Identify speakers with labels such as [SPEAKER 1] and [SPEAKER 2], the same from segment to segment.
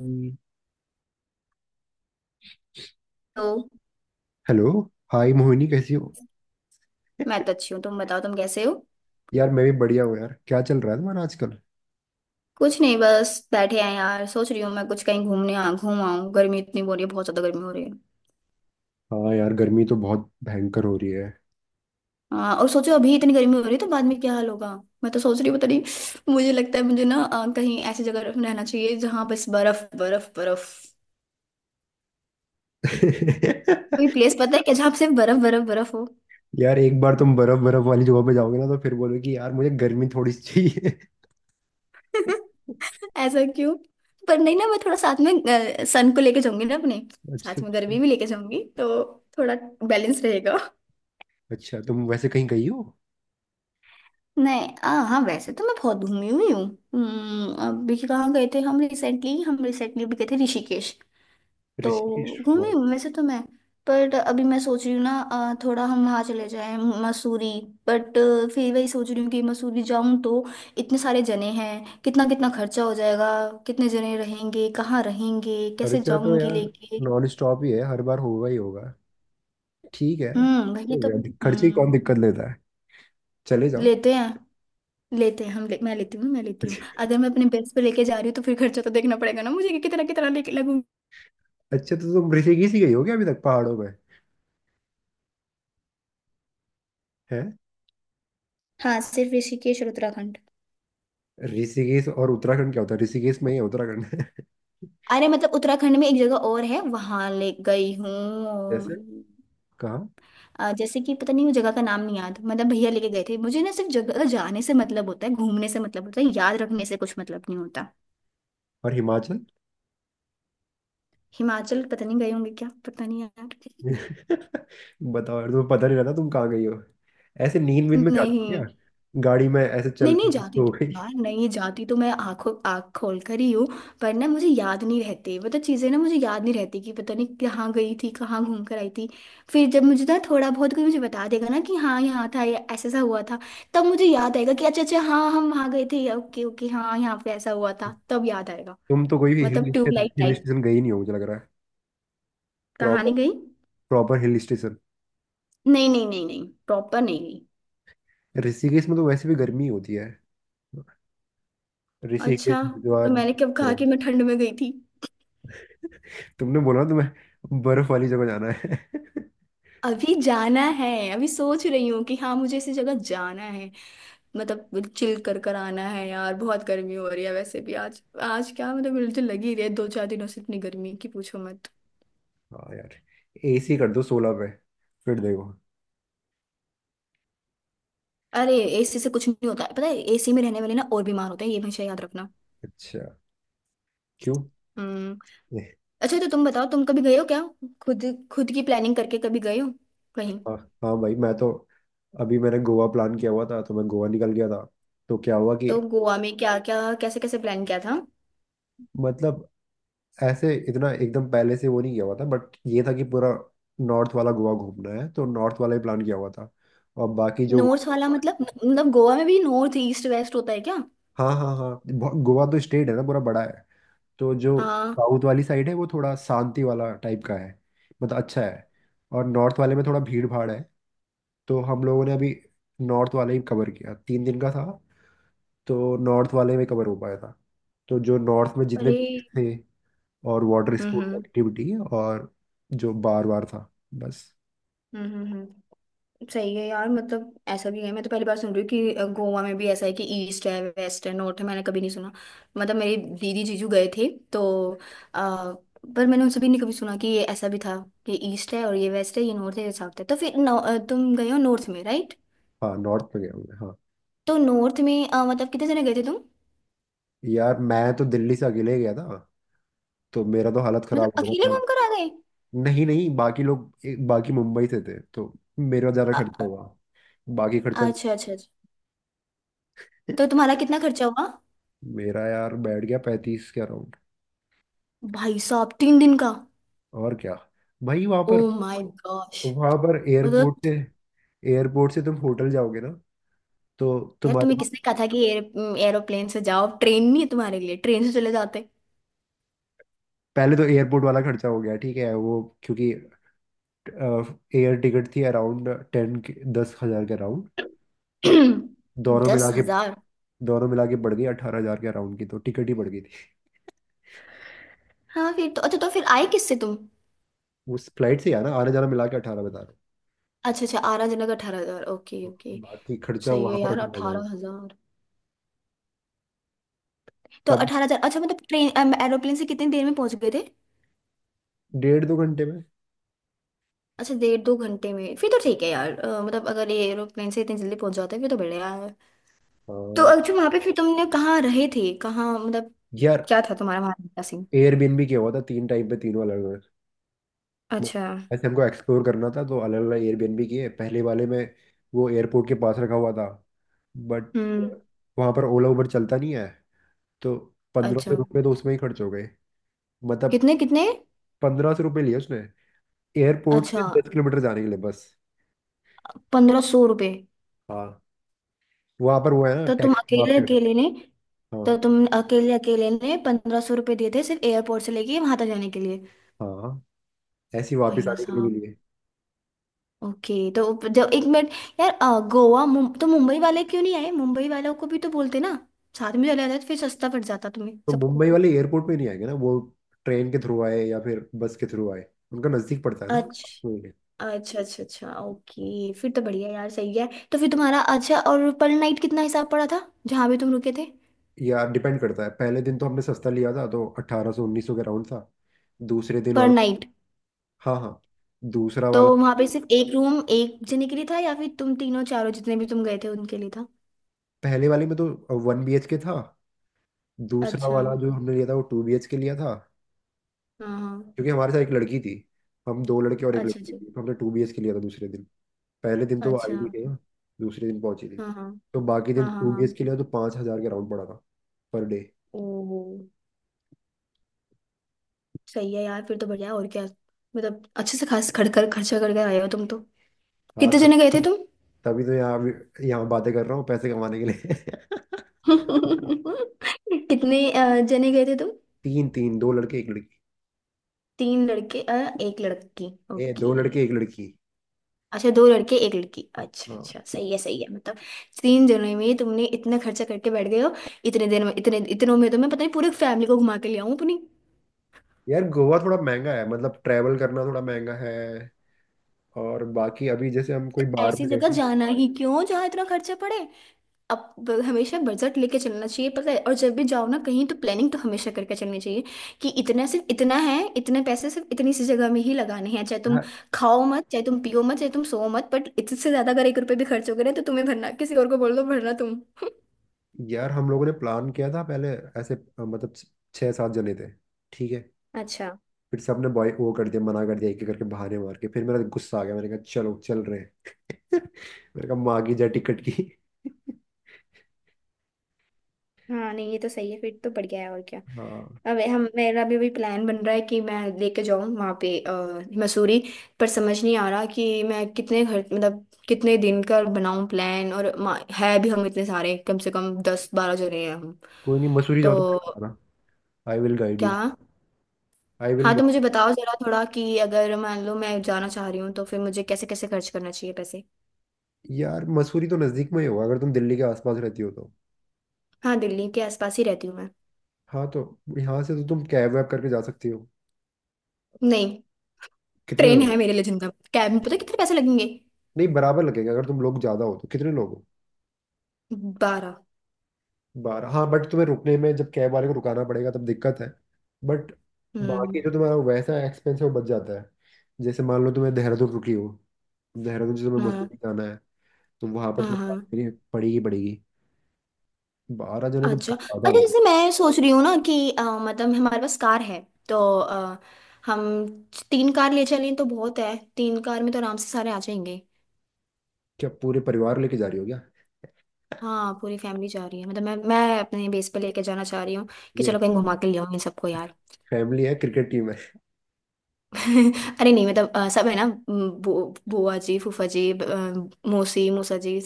[SPEAKER 1] हम्म।
[SPEAKER 2] तो
[SPEAKER 1] hello. Hi Mohini, कैसी हो?
[SPEAKER 2] मैं तो अच्छी हूँ। तुम बताओ, तुम कैसे हो?
[SPEAKER 1] यार, मैं भी बढ़िया हूँ। यार, क्या चल रहा है तुम्हारा आजकल?
[SPEAKER 2] कुछ नहीं, बस बैठे हैं यार। सोच रही हूँ मैं कुछ, कहीं घूमने आ घूम आऊँ। गर्मी इतनी हो रही है, बहुत ज्यादा गर्मी हो रही है।
[SPEAKER 1] हाँ यार, गर्मी तो बहुत भयंकर हो रही है।
[SPEAKER 2] हाँ, और सोचो अभी इतनी गर्मी हो रही है तो बाद में क्या हाल होगा। मैं तो सोच रही हूँ पता नहीं। मुझे लगता है मुझे ना कहीं ऐसी जगह रहना चाहिए जहाँ बस बर्फ बर्फ बर्फ। कोई प्लेस पता है क्या जहाँ पे सिर्फ बर्फ बर्फ बर्फ हो?
[SPEAKER 1] यार, एक बार तुम बर्फ बर्फ वाली जगह पे जाओगे ना, तो फिर बोलोगे कि यार मुझे गर्मी थोड़ी सी चाहिए।
[SPEAKER 2] ऐसा क्यों? पर नहीं ना, मैं थोड़ा साथ में सन को लेके जाऊंगी ना अपने।
[SPEAKER 1] अच्छा।
[SPEAKER 2] साथ में गर्मी भी लेके जाऊंगी तो थोड़ा बैलेंस रहेगा।
[SPEAKER 1] अच्छा, तुम वैसे कहीं गई हो?
[SPEAKER 2] नहीं हाँ वैसे तो मैं बहुत घूमी हुई हूँ। अभी कहाँ गए थे हम? रिसेंटली भी गए थे ऋषिकेश तो।
[SPEAKER 1] ऋषिकेश,
[SPEAKER 2] घूमी
[SPEAKER 1] वाह।
[SPEAKER 2] हूँ वैसे तो मैं। पर अभी मैं सोच रही हूँ ना थोड़ा हम वहाँ चले जाएं, मसूरी। बट फिर वही सोच रही हूँ कि मसूरी जाऊँ तो इतने सारे जने हैं, कितना कितना खर्चा हो जाएगा। कितने जने रहेंगे, कहाँ रहेंगे, कैसे
[SPEAKER 1] खर्चा तो
[SPEAKER 2] जाऊंगी
[SPEAKER 1] यार
[SPEAKER 2] लेके।
[SPEAKER 1] नॉन स्टॉप ही है, हर बार होगा ही होगा। ठीक है।
[SPEAKER 2] हम्म, वही
[SPEAKER 1] हो
[SPEAKER 2] तो।
[SPEAKER 1] गया, खर्चे की कौन
[SPEAKER 2] हम्म।
[SPEAKER 1] दिक्कत लेता है। चले जाओ।
[SPEAKER 2] लेते हैं, लेते हैं हम। मैं लेती हूँ, मैं लेती हूँ। अगर मैं अपने बेस्ट पे लेके जा रही हूँ तो फिर खर्चा तो देखना पड़ेगा ना मुझे कि कितना कितना लेके लगूंगी।
[SPEAKER 1] अच्छा, तो तुम ऋषिकेश ही गई हो क्या, अभी तक पहाड़ों में? है।
[SPEAKER 2] हाँ सिर्फ ऋषिकेश और उत्तराखंड।
[SPEAKER 1] ऋषिकेश और उत्तराखंड क्या होता है? ऋषिकेश में ही है उत्तराखंड है।
[SPEAKER 2] अरे, मतलब उत्तराखंड में एक जगह और है, वहां ले गई हूँ
[SPEAKER 1] जैसे?
[SPEAKER 2] मैं।
[SPEAKER 1] कहाँ?
[SPEAKER 2] जैसे कि पता नहीं, वो जगह का नाम नहीं याद। मतलब भैया लेके गए थे मुझे ना। सिर्फ जगह जाने से मतलब होता है, घूमने से मतलब होता है, याद रखने से कुछ मतलब नहीं होता।
[SPEAKER 1] और हिमाचल?
[SPEAKER 2] हिमाचल पता नहीं गए होंगे, क्या पता नहीं यार।
[SPEAKER 1] बताओ यार, तुम्हें पता नहीं रहता तुम कहाँ गई हो। ऐसे नींद वींद में जाती हो क्या?
[SPEAKER 2] नहीं
[SPEAKER 1] गाड़ी में ऐसे चल
[SPEAKER 2] नहीं नहीं
[SPEAKER 1] रही
[SPEAKER 2] जाती
[SPEAKER 1] हो
[SPEAKER 2] तो
[SPEAKER 1] गई?
[SPEAKER 2] यार, नहीं जाती तो मैं आंख खोल कर ही हूँ। पर ना मुझे याद नहीं रहते, मतलब चीज़ें ना मुझे याद नहीं रहती कि पता नहीं कहाँ गई थी, कहाँ घूम कर आई थी। फिर जब मुझे ना थोड़ा बहुत कोई मुझे बता देगा ना कि हाँ यहाँ था या ऐसा ऐसा हुआ था, तब मुझे याद आएगा कि अच्छा अच्छा हाँ हम वहाँ गए थे, ओके ओके हाँ यहाँ पे ऐसा हुआ था, तब याद आएगा।
[SPEAKER 1] तुम तो कोई भी
[SPEAKER 2] मतलब ट्यूबलाइट
[SPEAKER 1] हिल
[SPEAKER 2] टाइप
[SPEAKER 1] स्टेशन गई नहीं हो, मुझे लग रहा है। प्रॉपर।
[SPEAKER 2] कहानी गई।
[SPEAKER 1] Proper hill station.
[SPEAKER 2] नहीं नहीं नहीं नहीं, प्रॉपर नहीं गई।
[SPEAKER 1] ऋषिकेश में तो वैसे भी गर्मी होती है, ऋषिकेश
[SPEAKER 2] अच्छा तो
[SPEAKER 1] हरिद्वार।
[SPEAKER 2] मैंने कब कहा
[SPEAKER 1] बर्फ।
[SPEAKER 2] कि मैं ठंड में गई थी?
[SPEAKER 1] तुमने बोला ना, तुम्हें बर्फ वाली जगह जाना है।
[SPEAKER 2] अभी जाना है। अभी सोच रही हूँ कि हाँ मुझे इसी जगह जाना है। मतलब चिल कर कर आना है यार, बहुत गर्मी हो रही है। वैसे भी आज आज क्या मतलब मुझे लगी रही है दो चार दिनों से इतनी गर्मी की, पूछो मत।
[SPEAKER 1] हाँ यार। एसी कर दो 16 पे, फिर देखो।
[SPEAKER 2] अरे एसी से कुछ नहीं होता है, पता है? एसी में रहने वाले ना और बीमार होते हैं, ये हमेशा याद रखना।
[SPEAKER 1] अच्छा। क्यों?
[SPEAKER 2] हम्म।
[SPEAKER 1] नहीं।
[SPEAKER 2] अच्छा तो तुम बताओ, तुम कभी गए हो क्या खुद, खुद की प्लानिंग करके कभी गए हो कहीं?
[SPEAKER 1] हाँ। हाँ भाई, मैं तो अभी मैंने गोवा प्लान किया हुआ था, तो मैं गोवा निकल गया था। तो क्या हुआ कि,
[SPEAKER 2] तो गोवा में क्या क्या, कैसे कैसे प्लान किया था?
[SPEAKER 1] मतलब ऐसे इतना एकदम पहले से वो नहीं किया हुआ था, बट ये था कि पूरा नॉर्थ वाला गोवा घूमना है, तो नॉर्थ वाला ही प्लान किया हुआ था। और बाकी जो।
[SPEAKER 2] नॉर्थ वाला मतलब, गोवा में भी नॉर्थ ईस्ट वेस्ट होता है क्या?
[SPEAKER 1] हाँ हाँ हाँ। गोवा तो स्टेट है ना, पूरा बड़ा है। तो जो
[SPEAKER 2] हाँ।
[SPEAKER 1] साउथ वाली साइड है वो थोड़ा शांति वाला टाइप का है, मतलब अच्छा है। और नॉर्थ वाले में थोड़ा भीड़ भाड़ है। तो हम लोगों ने अभी नॉर्थ वाला ही कवर किया, 3 दिन का था। तो नॉर्थ वाले में कवर हो पाया था। तो जो नॉर्थ में जितने
[SPEAKER 2] अरे।
[SPEAKER 1] beach थे, और water
[SPEAKER 2] hmm
[SPEAKER 1] sports
[SPEAKER 2] hmm
[SPEAKER 1] activity, और जो बार बार था, बस।
[SPEAKER 2] हम्म। सही है यार। मतलब ऐसा भी है, मैं तो पहली बार सुन रही हूँ कि गोवा में भी ऐसा है कि ईस्ट है, वेस्ट है, नॉर्थ है, मैंने कभी नहीं सुना। मतलब मेरी दीदी जीजू गए थे तो आ, पर मैंने उनसे भी नहीं कभी सुना कि ये ऐसा भी था कि ईस्ट है और ये वेस्ट है, ये नॉर्थ है, ये साउथ है। तो फिर तुम गए हो नॉर्थ में, राइट?
[SPEAKER 1] हाँ, नॉर्थ में गया हूँ मैं, हाँ।
[SPEAKER 2] तो नॉर्थ में मतलब कितने जने गए थे तुम?
[SPEAKER 1] यार, मैं तो दिल्ली से अकेले गया था, तो मेरा तो हालत
[SPEAKER 2] मतलब
[SPEAKER 1] खराब हो गया
[SPEAKER 2] अकेले
[SPEAKER 1] था।
[SPEAKER 2] घूम कर आ गए?
[SPEAKER 1] नहीं नहीं, बाकी लोग बाकी मुंबई से थे, तो मेरा ज़्यादा खर्चा
[SPEAKER 2] अ-
[SPEAKER 1] हुआ। बाकी खर्चा।
[SPEAKER 2] अच्छा अच्छा अच्छा।
[SPEAKER 1] नहीं।
[SPEAKER 2] तो तुम्हारा कितना खर्चा हुआ?
[SPEAKER 1] मेरा यार बैठ गया 35 के अराउंड।
[SPEAKER 2] भाई साहब, 3 दिन का!
[SPEAKER 1] और क्या। भाई वहां
[SPEAKER 2] ओ
[SPEAKER 1] पर।
[SPEAKER 2] My gosh.
[SPEAKER 1] वहां पर एयरपोर्ट से।
[SPEAKER 2] मतलब
[SPEAKER 1] एयरपोर्ट से तुम होटल जाओगे ना, तो
[SPEAKER 2] यार
[SPEAKER 1] तुम्हारे।
[SPEAKER 2] तुम्हें किसने कहा था कि एयर एरोप्लेन से जाओ? ट्रेन नहीं है तुम्हारे लिए? ट्रेन से चले जाते।
[SPEAKER 1] पहले तो एयरपोर्ट वाला खर्चा हो गया, ठीक है वो, क्योंकि एयर टिकट थी अराउंड 10 के। 10,000 के अराउंड। दोनों मिला
[SPEAKER 2] दस
[SPEAKER 1] के।
[SPEAKER 2] हजार
[SPEAKER 1] दोनों मिला के बढ़ गई 18,000 के अराउंड की, तो टिकट ही बढ़ गई थी।
[SPEAKER 2] हाँ फिर तो अच्छा। तो फिर आए किससे तुम?
[SPEAKER 1] उस फ्लाइट से आना आने जाना मिला के 18 बता रहे
[SPEAKER 2] अच्छा अच्छा, आरा जनक 18 हजार, ओके
[SPEAKER 1] हो।
[SPEAKER 2] ओके।
[SPEAKER 1] बाकी खर्चा
[SPEAKER 2] सही है
[SPEAKER 1] वहां पर,
[SPEAKER 2] यार,
[SPEAKER 1] 18,000।
[SPEAKER 2] 18 हजार। तो
[SPEAKER 1] सब।
[SPEAKER 2] 18 हजार, अच्छा मतलब ट्रेन एरोप्लेन से कितनी देर में पहुंच गए थे?
[SPEAKER 1] 1.5-2 घंटे में।
[SPEAKER 2] अच्छा डेढ़ दो घंटे में, फिर तो ठीक है यार। मतलब अगर ये एरोप्लेन से इतनी जल्दी पहुंच जाते हैं फिर तो बढ़िया है। तो
[SPEAKER 1] हाँ।
[SPEAKER 2] अच्छा वहां पे फिर तुमने कहाँ रहे थे, कहाँ मतलब
[SPEAKER 1] यार,
[SPEAKER 2] क्या था तुम्हारा वहां का सीन?
[SPEAKER 1] एयरबीएनबी किया हुआ था 3 टाइम पे, तीनों अलग अलग।
[SPEAKER 2] अच्छा।
[SPEAKER 1] ऐसे हमको एक्सप्लोर करना था, तो अलग अलग एयरबीएनबी किए। पहले वाले में वो एयरपोर्ट के पास रखा हुआ था, बट
[SPEAKER 2] हम्म।
[SPEAKER 1] वहां पर ओला उबर चलता नहीं है, तो पंद्रह सौ
[SPEAKER 2] अच्छा।
[SPEAKER 1] रुपये तो उसमें ही खर्च हो गए। मतलब,
[SPEAKER 2] कितने कितने?
[SPEAKER 1] 1500 रुपये लिए उसने एयरपोर्ट से
[SPEAKER 2] अच्छा,
[SPEAKER 1] 10 किलोमीटर जाने के लिए, बस।
[SPEAKER 2] 1500 रुपये!
[SPEAKER 1] हाँ, वहाँ पर वो है ना,
[SPEAKER 2] तो तुम
[SPEAKER 1] टैक्सी
[SPEAKER 2] अकेले
[SPEAKER 1] माफिया है।
[SPEAKER 2] अकेले ने? तो
[SPEAKER 1] हाँ।
[SPEAKER 2] तुम अकेले अकेले ने 1500 रुपये दिए थे सिर्फ एयरपोर्ट से लेके वहां तक जाने के लिए?
[SPEAKER 1] हाँ, ऐसी वापस
[SPEAKER 2] भैया
[SPEAKER 1] आने के लिए भी
[SPEAKER 2] साहब।
[SPEAKER 1] लिए।
[SPEAKER 2] ओके तो जब, एक मिनट। यार गोवा तो मुंबई वाले क्यों नहीं आए? मुंबई वालों को भी तो बोलते ना, साथ में चले जाते तो फिर सस्ता पड़ जाता तुम्हें
[SPEAKER 1] तो
[SPEAKER 2] सबको।
[SPEAKER 1] मुंबई वाले एयरपोर्ट पे नहीं आएंगे ना, वो ट्रेन के थ्रू आए या फिर बस के थ्रू आए, उनका नज़दीक पड़ता है ना। वही
[SPEAKER 2] अच्छा
[SPEAKER 1] है।
[SPEAKER 2] अच्छा अच्छा। अच्छा ओके, फिर तो बढ़िया यार, सही है। तो फिर तुम्हारा अच्छा, और पर नाइट कितना हिसाब पड़ा था जहां भी तुम रुके थे?
[SPEAKER 1] या, डिपेंड करता है, पहले दिन तो हमने सस्ता लिया था तो 1800-1900 के राउंड था। दूसरे दिन
[SPEAKER 2] पर
[SPEAKER 1] वाला।
[SPEAKER 2] नाइट?
[SPEAKER 1] हाँ हाँ, दूसरा
[SPEAKER 2] तो
[SPEAKER 1] वाला।
[SPEAKER 2] वहां पे सिर्फ एक रूम एक जने के लिए था या फिर तुम तीनों चारों जितने भी तुम गए थे उनके लिए था?
[SPEAKER 1] पहले वाले में तो 1 BHK था। दूसरा
[SPEAKER 2] अच्छा। हाँ
[SPEAKER 1] वाला जो हमने लिया था वो 2 BHK लिया था।
[SPEAKER 2] हाँ।
[SPEAKER 1] क्योंकि हमारे साथ एक लड़की थी, हम दो लड़के और एक
[SPEAKER 2] अच्छा
[SPEAKER 1] लड़की थी,
[SPEAKER 2] अच्छा।
[SPEAKER 1] तो हमने 2 BHK लिया था दूसरे दिन। पहले दिन तो वो आई
[SPEAKER 2] अच्छा
[SPEAKER 1] नहीं थी ना, दूसरे दिन पहुंची थी।
[SPEAKER 2] हाँ हाँ
[SPEAKER 1] तो बाकी दिन
[SPEAKER 2] हाँ। हाँ
[SPEAKER 1] टू बी एच
[SPEAKER 2] हाँ।
[SPEAKER 1] के लिया, तो 5,000 के राउंड पड़ा था, पर डे।
[SPEAKER 2] ओ, सही है यार, फिर तो बढ़िया है। और क्या, मतलब अच्छे से खास खड़ कर खर्चा करके आए हो तुम तो।
[SPEAKER 1] हाँ।
[SPEAKER 2] कितने जने गए थे तुम?
[SPEAKER 1] तभी तो यहाँ बातें कर रहा हूँ, पैसे कमाने के लिए।
[SPEAKER 2] कितने जने गए थे तुम?
[SPEAKER 1] तीन तीन, दो लड़के एक लड़की।
[SPEAKER 2] तीन लड़के एक लड़की,
[SPEAKER 1] ए, दो
[SPEAKER 2] ओके।
[SPEAKER 1] लड़के एक लड़की।
[SPEAKER 2] अच्छा दो लड़के एक लड़की, अच्छा
[SPEAKER 1] हाँ
[SPEAKER 2] अच्छा, सही है मतलब। तीन जनों में तुमने इतना खर्चा करके बैठ गए हो। इतने दिन में, इतने इतनों में तो मैं पता नहीं पूरे फैमिली को घुमा के ले आऊं अपनी।
[SPEAKER 1] यार, गोवा थोड़ा महंगा है, मतलब ट्रैवल करना थोड़ा महंगा है। और बाकी अभी जैसे हम कोई
[SPEAKER 2] तो
[SPEAKER 1] बाहर
[SPEAKER 2] ऐसी
[SPEAKER 1] में
[SPEAKER 2] जगह
[SPEAKER 1] गए।
[SPEAKER 2] जाना ही क्यों जहाँ इतना खर्चा पड़े? अब हमेशा बजट लेके चलना चाहिए, पता है? और जब भी जाओ ना कहीं, तो प्लानिंग तो हमेशा करके चलनी चाहिए कि इतना, सिर्फ इतना है, इतने पैसे सिर्फ इतनी सी जगह में ही लगाने हैं। चाहे तुम
[SPEAKER 1] हैं।
[SPEAKER 2] खाओ मत, चाहे तुम पियो मत, चाहे तुम सो मत, बट इससे ज्यादा अगर एक रुपये भी खर्च हो गए ना तो तुम्हें भरना, किसी और को बोल दो भरना तुम।
[SPEAKER 1] यार, हम लोगों ने प्लान किया था पहले, ऐसे मतलब छः सात जने थे, ठीक है।
[SPEAKER 2] अच्छा
[SPEAKER 1] फिर सबने बॉय वो कर दिया, मना कर दिया एक एक करके बहाने मार के, फिर मेरा गुस्सा आ गया मैंने कहा चलो चल रहे हैं। मैंने कहा मांगी जा टिकट की।
[SPEAKER 2] हाँ नहीं, ये तो सही है, फिर तो बढ़िया है। और क्या।
[SPEAKER 1] हाँ।
[SPEAKER 2] अब हम, मेरा भी अभी प्लान बन रहा है कि मैं लेके जाऊँ वहाँ पे मसूरी। पर समझ नहीं आ रहा कि मैं कितने घर, मतलब कितने दिन का बनाऊँ प्लान, और है भी हम इतने सारे, कम से कम 10-12 जने हैं हम।
[SPEAKER 1] कोई नहीं, मसूरी जाओ तो मुझे
[SPEAKER 2] तो
[SPEAKER 1] बताना। I will guide you.
[SPEAKER 2] क्या?
[SPEAKER 1] I will.
[SPEAKER 2] हाँ तो मुझे बताओ जरा थोड़ा कि अगर मान लो मैं जाना चाह रही हूँ तो फिर मुझे कैसे कैसे खर्च करना चाहिए पैसे?
[SPEAKER 1] यार, मसूरी तो नज़दीक में ही होगा अगर तुम दिल्ली के आसपास रहती हो तो।
[SPEAKER 2] हाँ, दिल्ली के आसपास ही रहती हूँ मैं।
[SPEAKER 1] हाँ, तो यहाँ से तो तुम कैब वैब करके जा सकती हो।
[SPEAKER 2] नहीं,
[SPEAKER 1] कितने
[SPEAKER 2] ट्रेन
[SPEAKER 1] लोग हो?
[SPEAKER 2] है मेरे लिए जिंदा। कैब में पता कितने पैसे लगेंगे?
[SPEAKER 1] नहीं, बराबर लगेगा अगर तुम लोग ज़्यादा हो तो। कितने लोग?
[SPEAKER 2] बारह।
[SPEAKER 1] 12। हाँ, बट तुम्हें रुकने में जब कैब वाले को रुकाना पड़ेगा तब दिक्कत है, बट
[SPEAKER 2] हम्म।
[SPEAKER 1] बाकी जो तुम्हारा वैसा एक्सपेंस है वो बच जाता है। जैसे मान लो तुम्हें देहरादून रुकी हो, देहरादून से तुम्हें
[SPEAKER 2] हाँ
[SPEAKER 1] मसूरी जाना है, तो वहां पर
[SPEAKER 2] हाँ
[SPEAKER 1] तुम्हें
[SPEAKER 2] हाँ।
[SPEAKER 1] गाड़ी लेनी पड़ेगी पड़ेगी। 12 जने तो
[SPEAKER 2] अच्छा
[SPEAKER 1] बहुत ज्यादा
[SPEAKER 2] अच्छा।
[SPEAKER 1] हो लगे।
[SPEAKER 2] जैसे मैं सोच रही हूँ ना कि मतलब हमारे पास कार है तो हम तीन कार ले चलें तो बहुत है, तीन कार में तो आराम से सारे आ जाएंगे।
[SPEAKER 1] क्या पूरे परिवार लेके जा रही हो क्या?
[SPEAKER 2] हाँ पूरी फैमिली जा रही है, मतलब मैं अपने बेस पे लेके जाना चाह रही हूँ कि
[SPEAKER 1] ये
[SPEAKER 2] चलो कहीं घुमा के ले आऊँ इन सबको यार।
[SPEAKER 1] फैमिली है क्रिकेट टीम है।
[SPEAKER 2] अरे नहीं, मतलब सब है ना, बुआ जी, फूफा जी, मौसी मौसा जी।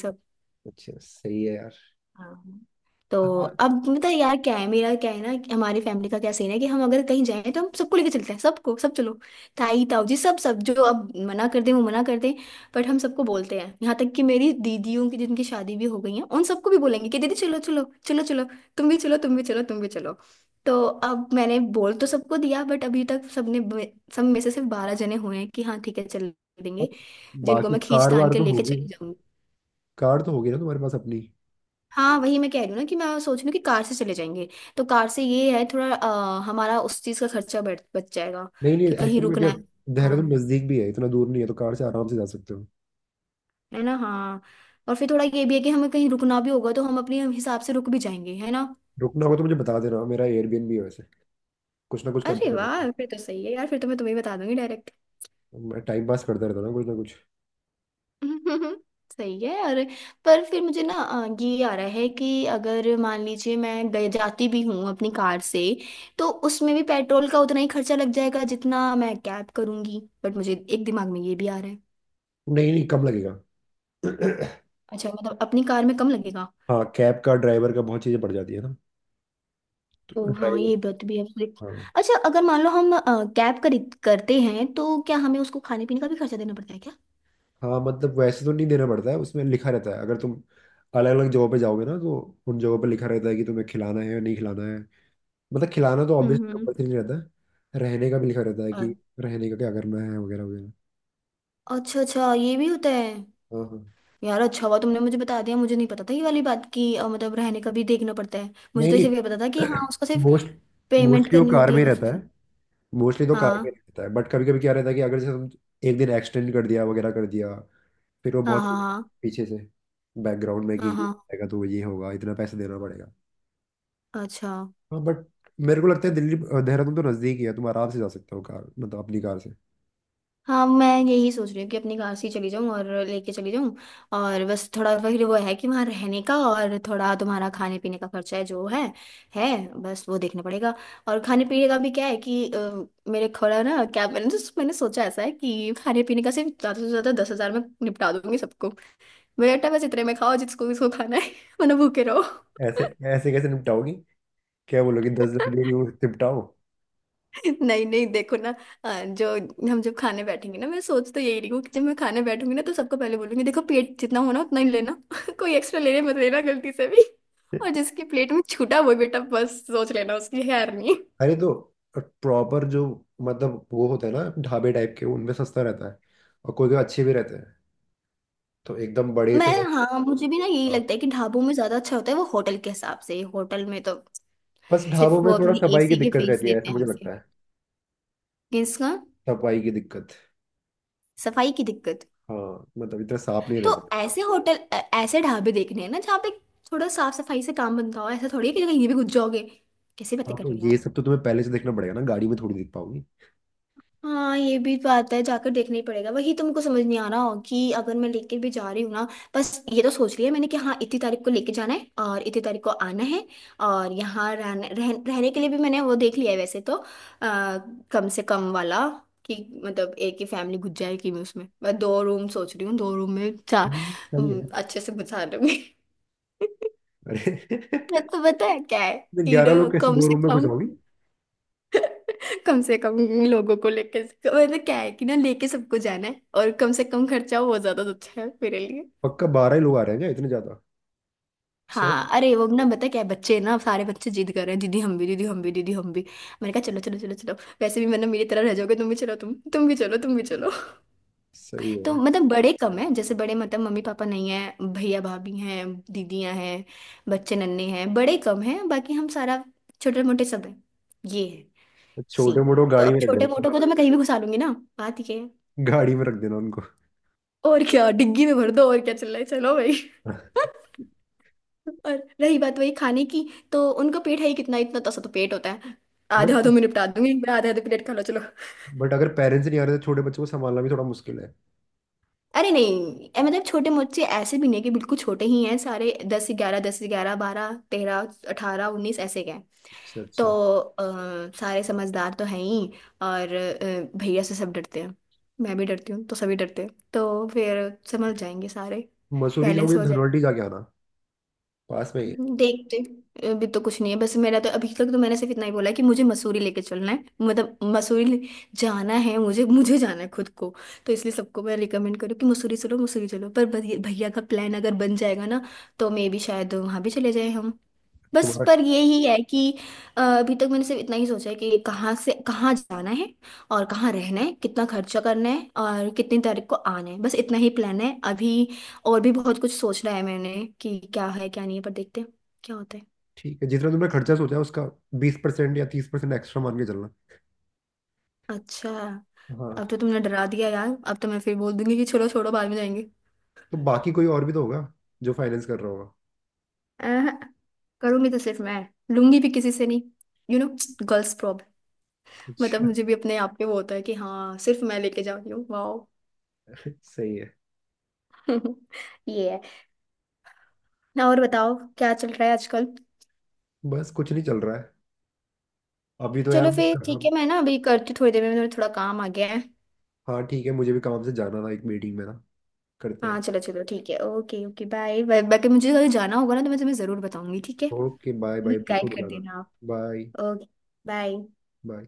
[SPEAKER 1] अच्छा, सही है यार।
[SPEAKER 2] हाँ। तो
[SPEAKER 1] हाँ।
[SPEAKER 2] अब मतलब यार क्या है मेरा, क्या है ना कि हमारी फैमिली का क्या सीन है कि हम अगर कहीं जाएं तो हम सबको लेके चलते हैं। सबको, सब चलो, ताई ताऊ जी, सब सब। जो अब मना कर दें वो मना कर दें, बट हम सबको बोलते हैं। यहाँ तक कि मेरी दीदियों की, जिनकी शादी भी हो गई है, उन सबको भी बोलेंगे कि दीदी चलो चलो चलो चलो, तुम भी चलो, तुम भी चलो, तुम भी चलो। तो अब मैंने बोल तो सबको दिया, बट अभी तक सबने, सब में से सिर्फ 12 जने हुए हैं कि हाँ ठीक है चल
[SPEAKER 1] और
[SPEAKER 2] देंगे। जिनको
[SPEAKER 1] बाकी
[SPEAKER 2] मैं खींच
[SPEAKER 1] कार
[SPEAKER 2] तान
[SPEAKER 1] वार
[SPEAKER 2] के
[SPEAKER 1] तो
[SPEAKER 2] लेके
[SPEAKER 1] होगी।
[SPEAKER 2] चली जाऊंगी।
[SPEAKER 1] कार तो होगी ना तुम्हारे पास अपनी।
[SPEAKER 2] हाँ वही मैं कह रही हूँ ना कि मैं सोच रही हूँ कि कार से चले जाएंगे। तो कार से ये है थोड़ा हमारा उस चीज़ का खर्चा बच बच जाएगा
[SPEAKER 1] नहीं नहीं,
[SPEAKER 2] कि कहीं
[SPEAKER 1] एक्चुअली में
[SPEAKER 2] रुकना
[SPEAKER 1] क्या।
[SPEAKER 2] है, दुकान
[SPEAKER 1] देहरादून
[SPEAKER 2] है
[SPEAKER 1] नजदीक भी है, इतना दूर नहीं है, तो कार से आराम से जा सकते हो।
[SPEAKER 2] है ना? हाँ। और फिर थोड़ा ये भी है कि हमें कहीं रुकना भी होगा तो हम अपने हिसाब से रुक भी जाएंगे, है ना?
[SPEAKER 1] रुकना होगा तो मुझे बता देना, मेरा एयरबीएनबी है वैसे, कुछ ना कुछ
[SPEAKER 2] अरे
[SPEAKER 1] करते रहता
[SPEAKER 2] वाह, फिर तो सही है यार, फिर तो मैं तुम्हें बता दूंगी।
[SPEAKER 1] हूँ। मैं टाइम पास करता रहता हूँ ना, कुछ ना कुछ।
[SPEAKER 2] हम्म, सही है। और पर फिर मुझे ना ये आ रहा है कि अगर मान लीजिए मैं गए जाती भी हूँ अपनी कार से, तो उसमें भी पेट्रोल का उतना ही खर्चा लग जाएगा जितना मैं कैब करूंगी। बट मुझे एक, दिमाग में ये भी आ रहा है।
[SPEAKER 1] नहीं नहीं, कम लगेगा।
[SPEAKER 2] अच्छा मतलब अपनी कार में कम लगेगा?
[SPEAKER 1] हाँ, कैब का ड्राइवर का बहुत चीज़ें पड़ जाती है ना,
[SPEAKER 2] ओ
[SPEAKER 1] तो
[SPEAKER 2] हाँ,
[SPEAKER 1] ड्राइवर।
[SPEAKER 2] ये बात भी है।
[SPEAKER 1] हाँ
[SPEAKER 2] अच्छा अगर मान लो हम कैब खरीद करते हैं तो क्या हमें उसको खाने पीने का भी खर्चा देना पड़ता है क्या?
[SPEAKER 1] हाँ, मतलब वैसे तो नहीं देना पड़ता है, उसमें लिखा रहता है अगर तुम अलग अलग जगहों पे जाओगे ना तो। उन जगहों पे लिखा रहता है कि तुम्हें खिलाना है या नहीं खिलाना है। मतलब, खिलाना तो ऑब्वियसली
[SPEAKER 2] हम्म।
[SPEAKER 1] कंपल्सरी नहीं रहता है। रहने का भी लिखा रहता है
[SPEAKER 2] अ-
[SPEAKER 1] कि रहने का क्या करना है वगैरह वगैरह।
[SPEAKER 2] अच्छा अच्छा, ये भी होता है।
[SPEAKER 1] हाँ हाँ।
[SPEAKER 2] यार अच्छा हुआ तुमने मुझे बता दिया, मुझे नहीं पता था ये वाली बात की मतलब रहने का भी देखना पड़ता है। मुझे
[SPEAKER 1] नहीं
[SPEAKER 2] तो
[SPEAKER 1] नहीं।
[SPEAKER 2] सिर्फ ये पता था कि हाँ, उसको सिर्फ
[SPEAKER 1] मोस्ट
[SPEAKER 2] पेमेंट
[SPEAKER 1] मोस्टली वो
[SPEAKER 2] करनी
[SPEAKER 1] कार
[SPEAKER 2] होती
[SPEAKER 1] में
[SPEAKER 2] है
[SPEAKER 1] ही
[SPEAKER 2] बस
[SPEAKER 1] रहता
[SPEAKER 2] उसे।
[SPEAKER 1] है। मोस्टली तो कार में
[SPEAKER 2] हाँ,
[SPEAKER 1] रहता है, बट कभी कभी क्या रहता है कि अगर जैसे हम एक दिन एक्सटेंड कर दिया वगैरह कर दिया, फिर वो
[SPEAKER 2] हाँ,
[SPEAKER 1] बहुत
[SPEAKER 2] हाँ,
[SPEAKER 1] पीछे से बैकग्राउंड में कि
[SPEAKER 2] हाँ, हाँ,
[SPEAKER 1] ये
[SPEAKER 2] हाँ।
[SPEAKER 1] आएगा तो ये होगा, इतना पैसे देना पड़ेगा।
[SPEAKER 2] अच्छा।
[SPEAKER 1] हाँ बट मेरे को लगता है दिल्ली देहरादून तो नज़दीक ही है, तुम आराम से जा सकते हो कार, मतलब अपनी कार से।
[SPEAKER 2] हाँ, मैं यही सोच रही हूँ कि अपनी कार से ही चली जाऊँ और लेके चली जाऊँ। और बस थोड़ा फिर वो है कि वहाँ रहने का और थोड़ा तुम्हारा खाने पीने का खर्चा है जो है, बस वो देखना पड़ेगा। और खाने पीने का भी क्या है कि मेरे थोड़ा ना क्या मैंने मैंने सोचा ऐसा है कि खाने पीने का सिर्फ ज़्यादा से ज़्यादा 10,000 में निपटा दूंगी सबको। बेटा बस इतने में खाओ जिसको जिसको खाना है वरना भूखे रहो।
[SPEAKER 1] ऐसे ऐसे कैसे निपटाओगी? क्या बोलोगी 10,000 लेके वो निपटाओ?
[SPEAKER 2] नहीं नहीं, देखो ना जो हम जब खाने बैठेंगे ना, मैं सोच तो यही रही हूँ कि जब मैं खाने बैठूंगी ना तो सबको पहले बोलूंगी, देखो पेट जितना होना उतना ही लेना कोई एक्स्ट्रा लेने मत लेना गलती से भी। और जिसकी प्लेट में छूटा वो बेटा बस सोच लेना उसकी खैर नहीं।
[SPEAKER 1] अरे तो प्रॉपर जो, मतलब वो होता है ना, ढाबे टाइप के उनमें सस्ता रहता है, और कोई कोई अच्छे भी रहते हैं, तो एकदम बड़े से।
[SPEAKER 2] मैं, हाँ मुझे भी ना यही लगता है कि ढाबों में ज्यादा अच्छा होता है वो होटल के हिसाब से, होटल में तो
[SPEAKER 1] बस ढाबों
[SPEAKER 2] सिर्फ
[SPEAKER 1] में
[SPEAKER 2] वो
[SPEAKER 1] थोड़ा
[SPEAKER 2] अपनी
[SPEAKER 1] सफाई की
[SPEAKER 2] एसी के
[SPEAKER 1] दिक्कत
[SPEAKER 2] फीस
[SPEAKER 1] रहती है,
[SPEAKER 2] लेते
[SPEAKER 1] ऐसा
[SPEAKER 2] हैं
[SPEAKER 1] मुझे
[SPEAKER 2] हमसे।
[SPEAKER 1] लगता है।
[SPEAKER 2] किसका?
[SPEAKER 1] सफाई की दिक्कत।
[SPEAKER 2] सफाई की दिक्कत?
[SPEAKER 1] हाँ, मतलब इतना साफ नहीं रहता।
[SPEAKER 2] तो ऐसे होटल ऐसे ढाबे देखने हैं ना जहाँ पे थोड़ा साफ सफाई से काम बनता हो, ऐसा थोड़ी है कि कहीं भी घुस जाओगे। कैसे बातें
[SPEAKER 1] हाँ,
[SPEAKER 2] कर
[SPEAKER 1] तो
[SPEAKER 2] रहे हो
[SPEAKER 1] ये
[SPEAKER 2] यार।
[SPEAKER 1] सब तो तुम्हें पहले से देखना पड़ेगा ना, गाड़ी में थोड़ी देख पाओगी।
[SPEAKER 2] हाँ, ये भी बात है, जाकर देखना ही पड़ेगा वही, तुमको समझ नहीं आ रहा हो कि अगर मैं लेके भी जा रही हूँ ना। बस ये तो सोच लिया मैंने कि हाँ, इतनी तारीख को लेके जाना है और इतनी तारीख को आना है। और यहाँ रहने के लिए भी मैंने वो देख लिया है वैसे तो, आ, कम से कम वाला, कि मतलब एक ही फैमिली घुस जाएगी, मैं उसमें मैं 2 रूम सोच रही हूँ, 2 रूम में चार।
[SPEAKER 1] सही है।
[SPEAKER 2] अच्छे से घुसा दूंगी
[SPEAKER 1] अरे।
[SPEAKER 2] मैं तो पता है क्या है कि ना
[SPEAKER 1] 11 लोग कैसे
[SPEAKER 2] कम
[SPEAKER 1] दो
[SPEAKER 2] से
[SPEAKER 1] रूम में घुस
[SPEAKER 2] कम,
[SPEAKER 1] आओगी?
[SPEAKER 2] कम से कम लोगों को लेके, मतलब क्या है कि ना लेके सबको जाना है और कम से कम खर्चा हो वो ज्यादा अच्छा है मेरे लिए।
[SPEAKER 1] पक्का 12 ही लोग आ रहे हैं क्या, इतने ज्यादा? अच्छा,
[SPEAKER 2] हाँ, अरे वो ना पता है क्या है, बच्चे ना सारे बच्चे जिद कर रहे हैं, दीदी हम भी दीदी हम भी दीदी हम भी। मैंने कहा चलो चलो चलो चलो। वैसे भी मतलब मेरी तरह रह जाओगे, तुम भी चलो, तुम भी चलो तुम भी चलो।
[SPEAKER 1] सही
[SPEAKER 2] तो
[SPEAKER 1] है।
[SPEAKER 2] मतलब बड़े कम है, जैसे बड़े मतलब मम्मी पापा नहीं है, भैया भाभी हैं, दीदियां हैं, बच्चे नन्हे हैं, बड़े कम हैं, बाकी हम सारा छोटे मोटे सब हैं। ये है
[SPEAKER 1] तो छोटे
[SPEAKER 2] सीन।
[SPEAKER 1] मोटे को
[SPEAKER 2] तो
[SPEAKER 1] गाड़ी
[SPEAKER 2] अब
[SPEAKER 1] में रख
[SPEAKER 2] छोटे
[SPEAKER 1] देना।
[SPEAKER 2] मोटों को तो मैं कहीं भी घुसा लूंगी ना, बात ये है।
[SPEAKER 1] गाड़ी में रख देना उनको।
[SPEAKER 2] और क्या, डिग्गी में भर दो और क्या, चल रहा है चलो भाई। और रही बात वही खाने की, तो उनका पेट है ही कितना, इतना तसा तो पेट होता है, आधे हाथों
[SPEAKER 1] बट
[SPEAKER 2] में निपटा दूंगी मैं, आधे आधे प्लेट खा लो चलो।
[SPEAKER 1] बट अगर पेरेंट्स नहीं आ रहे तो छोटे बच्चों को संभालना भी थोड़ा मुश्किल है।
[SPEAKER 2] अरे नहीं मतलब छोटे मोचे ऐसे भी नहीं कि बिल्कुल छोटे ही हैं सारे, 10 11, 10 11, 12 13, 18 19 ऐसे के हैं।
[SPEAKER 1] अच्छा
[SPEAKER 2] तो
[SPEAKER 1] अच्छा।
[SPEAKER 2] अ, सारे समझदार तो हैं ही। और भैया से सब डरते हैं, मैं भी डरती हूँ तो सभी डरते हैं, तो फिर समझ जाएंगे सारे,
[SPEAKER 1] मसूरी
[SPEAKER 2] बैलेंस
[SPEAKER 1] जाओगे तो
[SPEAKER 2] हो।
[SPEAKER 1] धनवल्टी जाके आना, पास में ही है।
[SPEAKER 2] देखते। अभी तो कुछ नहीं है, बस मेरा तो अभी तक तो मैंने सिर्फ इतना ही बोला है कि मुझे मसूरी लेके चलना है, मतलब मसूरी जाना है मुझे, मुझे जाना है खुद को। तो इसलिए सबको मैं रिकमेंड करूँ कि मसूरी चलो मसूरी चलो, पर भैया, भैया का प्लान अगर बन जाएगा ना तो मे भी शायद वहाँ भी चले जाए हम। बस
[SPEAKER 1] तुम्हारा?
[SPEAKER 2] पर यही है कि अभी तक मैंने सिर्फ इतना ही सोचा है कि कहाँ से कहाँ जाना है और कहाँ रहना है, कितना खर्चा करना है और कितनी तारीख को आना है, बस इतना ही प्लान है अभी। और भी बहुत कुछ सोचना है मैंने कि क्या है क्या नहीं है, पर देखते हैं क्या होता है।
[SPEAKER 1] ठीक है, जितना तुमने खर्चा सोचा है, उसका 20% या 30% एक्स्ट्रा मान के चलना।
[SPEAKER 2] अच्छा। अब
[SPEAKER 1] हाँ।
[SPEAKER 2] तो तुमने डरा दिया यार, अब तो मैं फिर बोल दूंगी कि छोड़ो छोड़ो बाद में जाएंगे।
[SPEAKER 1] तो बाकी कोई और भी तो होगा जो फाइनेंस कर रहा होगा।
[SPEAKER 2] अह, करूंगी तो सिर्फ मैं, लूंगी भी किसी से नहीं, यू नो, गर्ल्स प्रॉब्लम। मतलब
[SPEAKER 1] अच्छा।
[SPEAKER 2] मुझे भी अपने आप पे वो होता है कि हाँ, सिर्फ मैं लेके जा रही हूँ, वाओ।
[SPEAKER 1] सही है।
[SPEAKER 2] ये है। और बताओ क्या चल रहा है आजकल।
[SPEAKER 1] बस कुछ नहीं चल रहा है, अभी तो यार
[SPEAKER 2] चलो
[SPEAKER 1] मुझे
[SPEAKER 2] फिर ठीक
[SPEAKER 1] काम।
[SPEAKER 2] है, मैं ना अभी करती हूँ, थोड़ी देर में मेरे थोड़ा काम आ गया है।
[SPEAKER 1] हाँ ठीक है, मुझे भी काम से जाना था एक मीटिंग में ना, करते
[SPEAKER 2] हाँ
[SPEAKER 1] हैं।
[SPEAKER 2] चलो चलो ठीक है, ओके ओके, बाय, बाकी मुझे कहीं जाना होगा ना तो मैं तुम्हें ज़रूर बताऊंगी ठीक है।
[SPEAKER 1] ओके बाय बाय,
[SPEAKER 2] मुझे
[SPEAKER 1] बिल्कुल
[SPEAKER 2] गाइड कर
[SPEAKER 1] बताना।
[SPEAKER 2] देना आप।
[SPEAKER 1] Bye
[SPEAKER 2] okay bye.
[SPEAKER 1] बाय।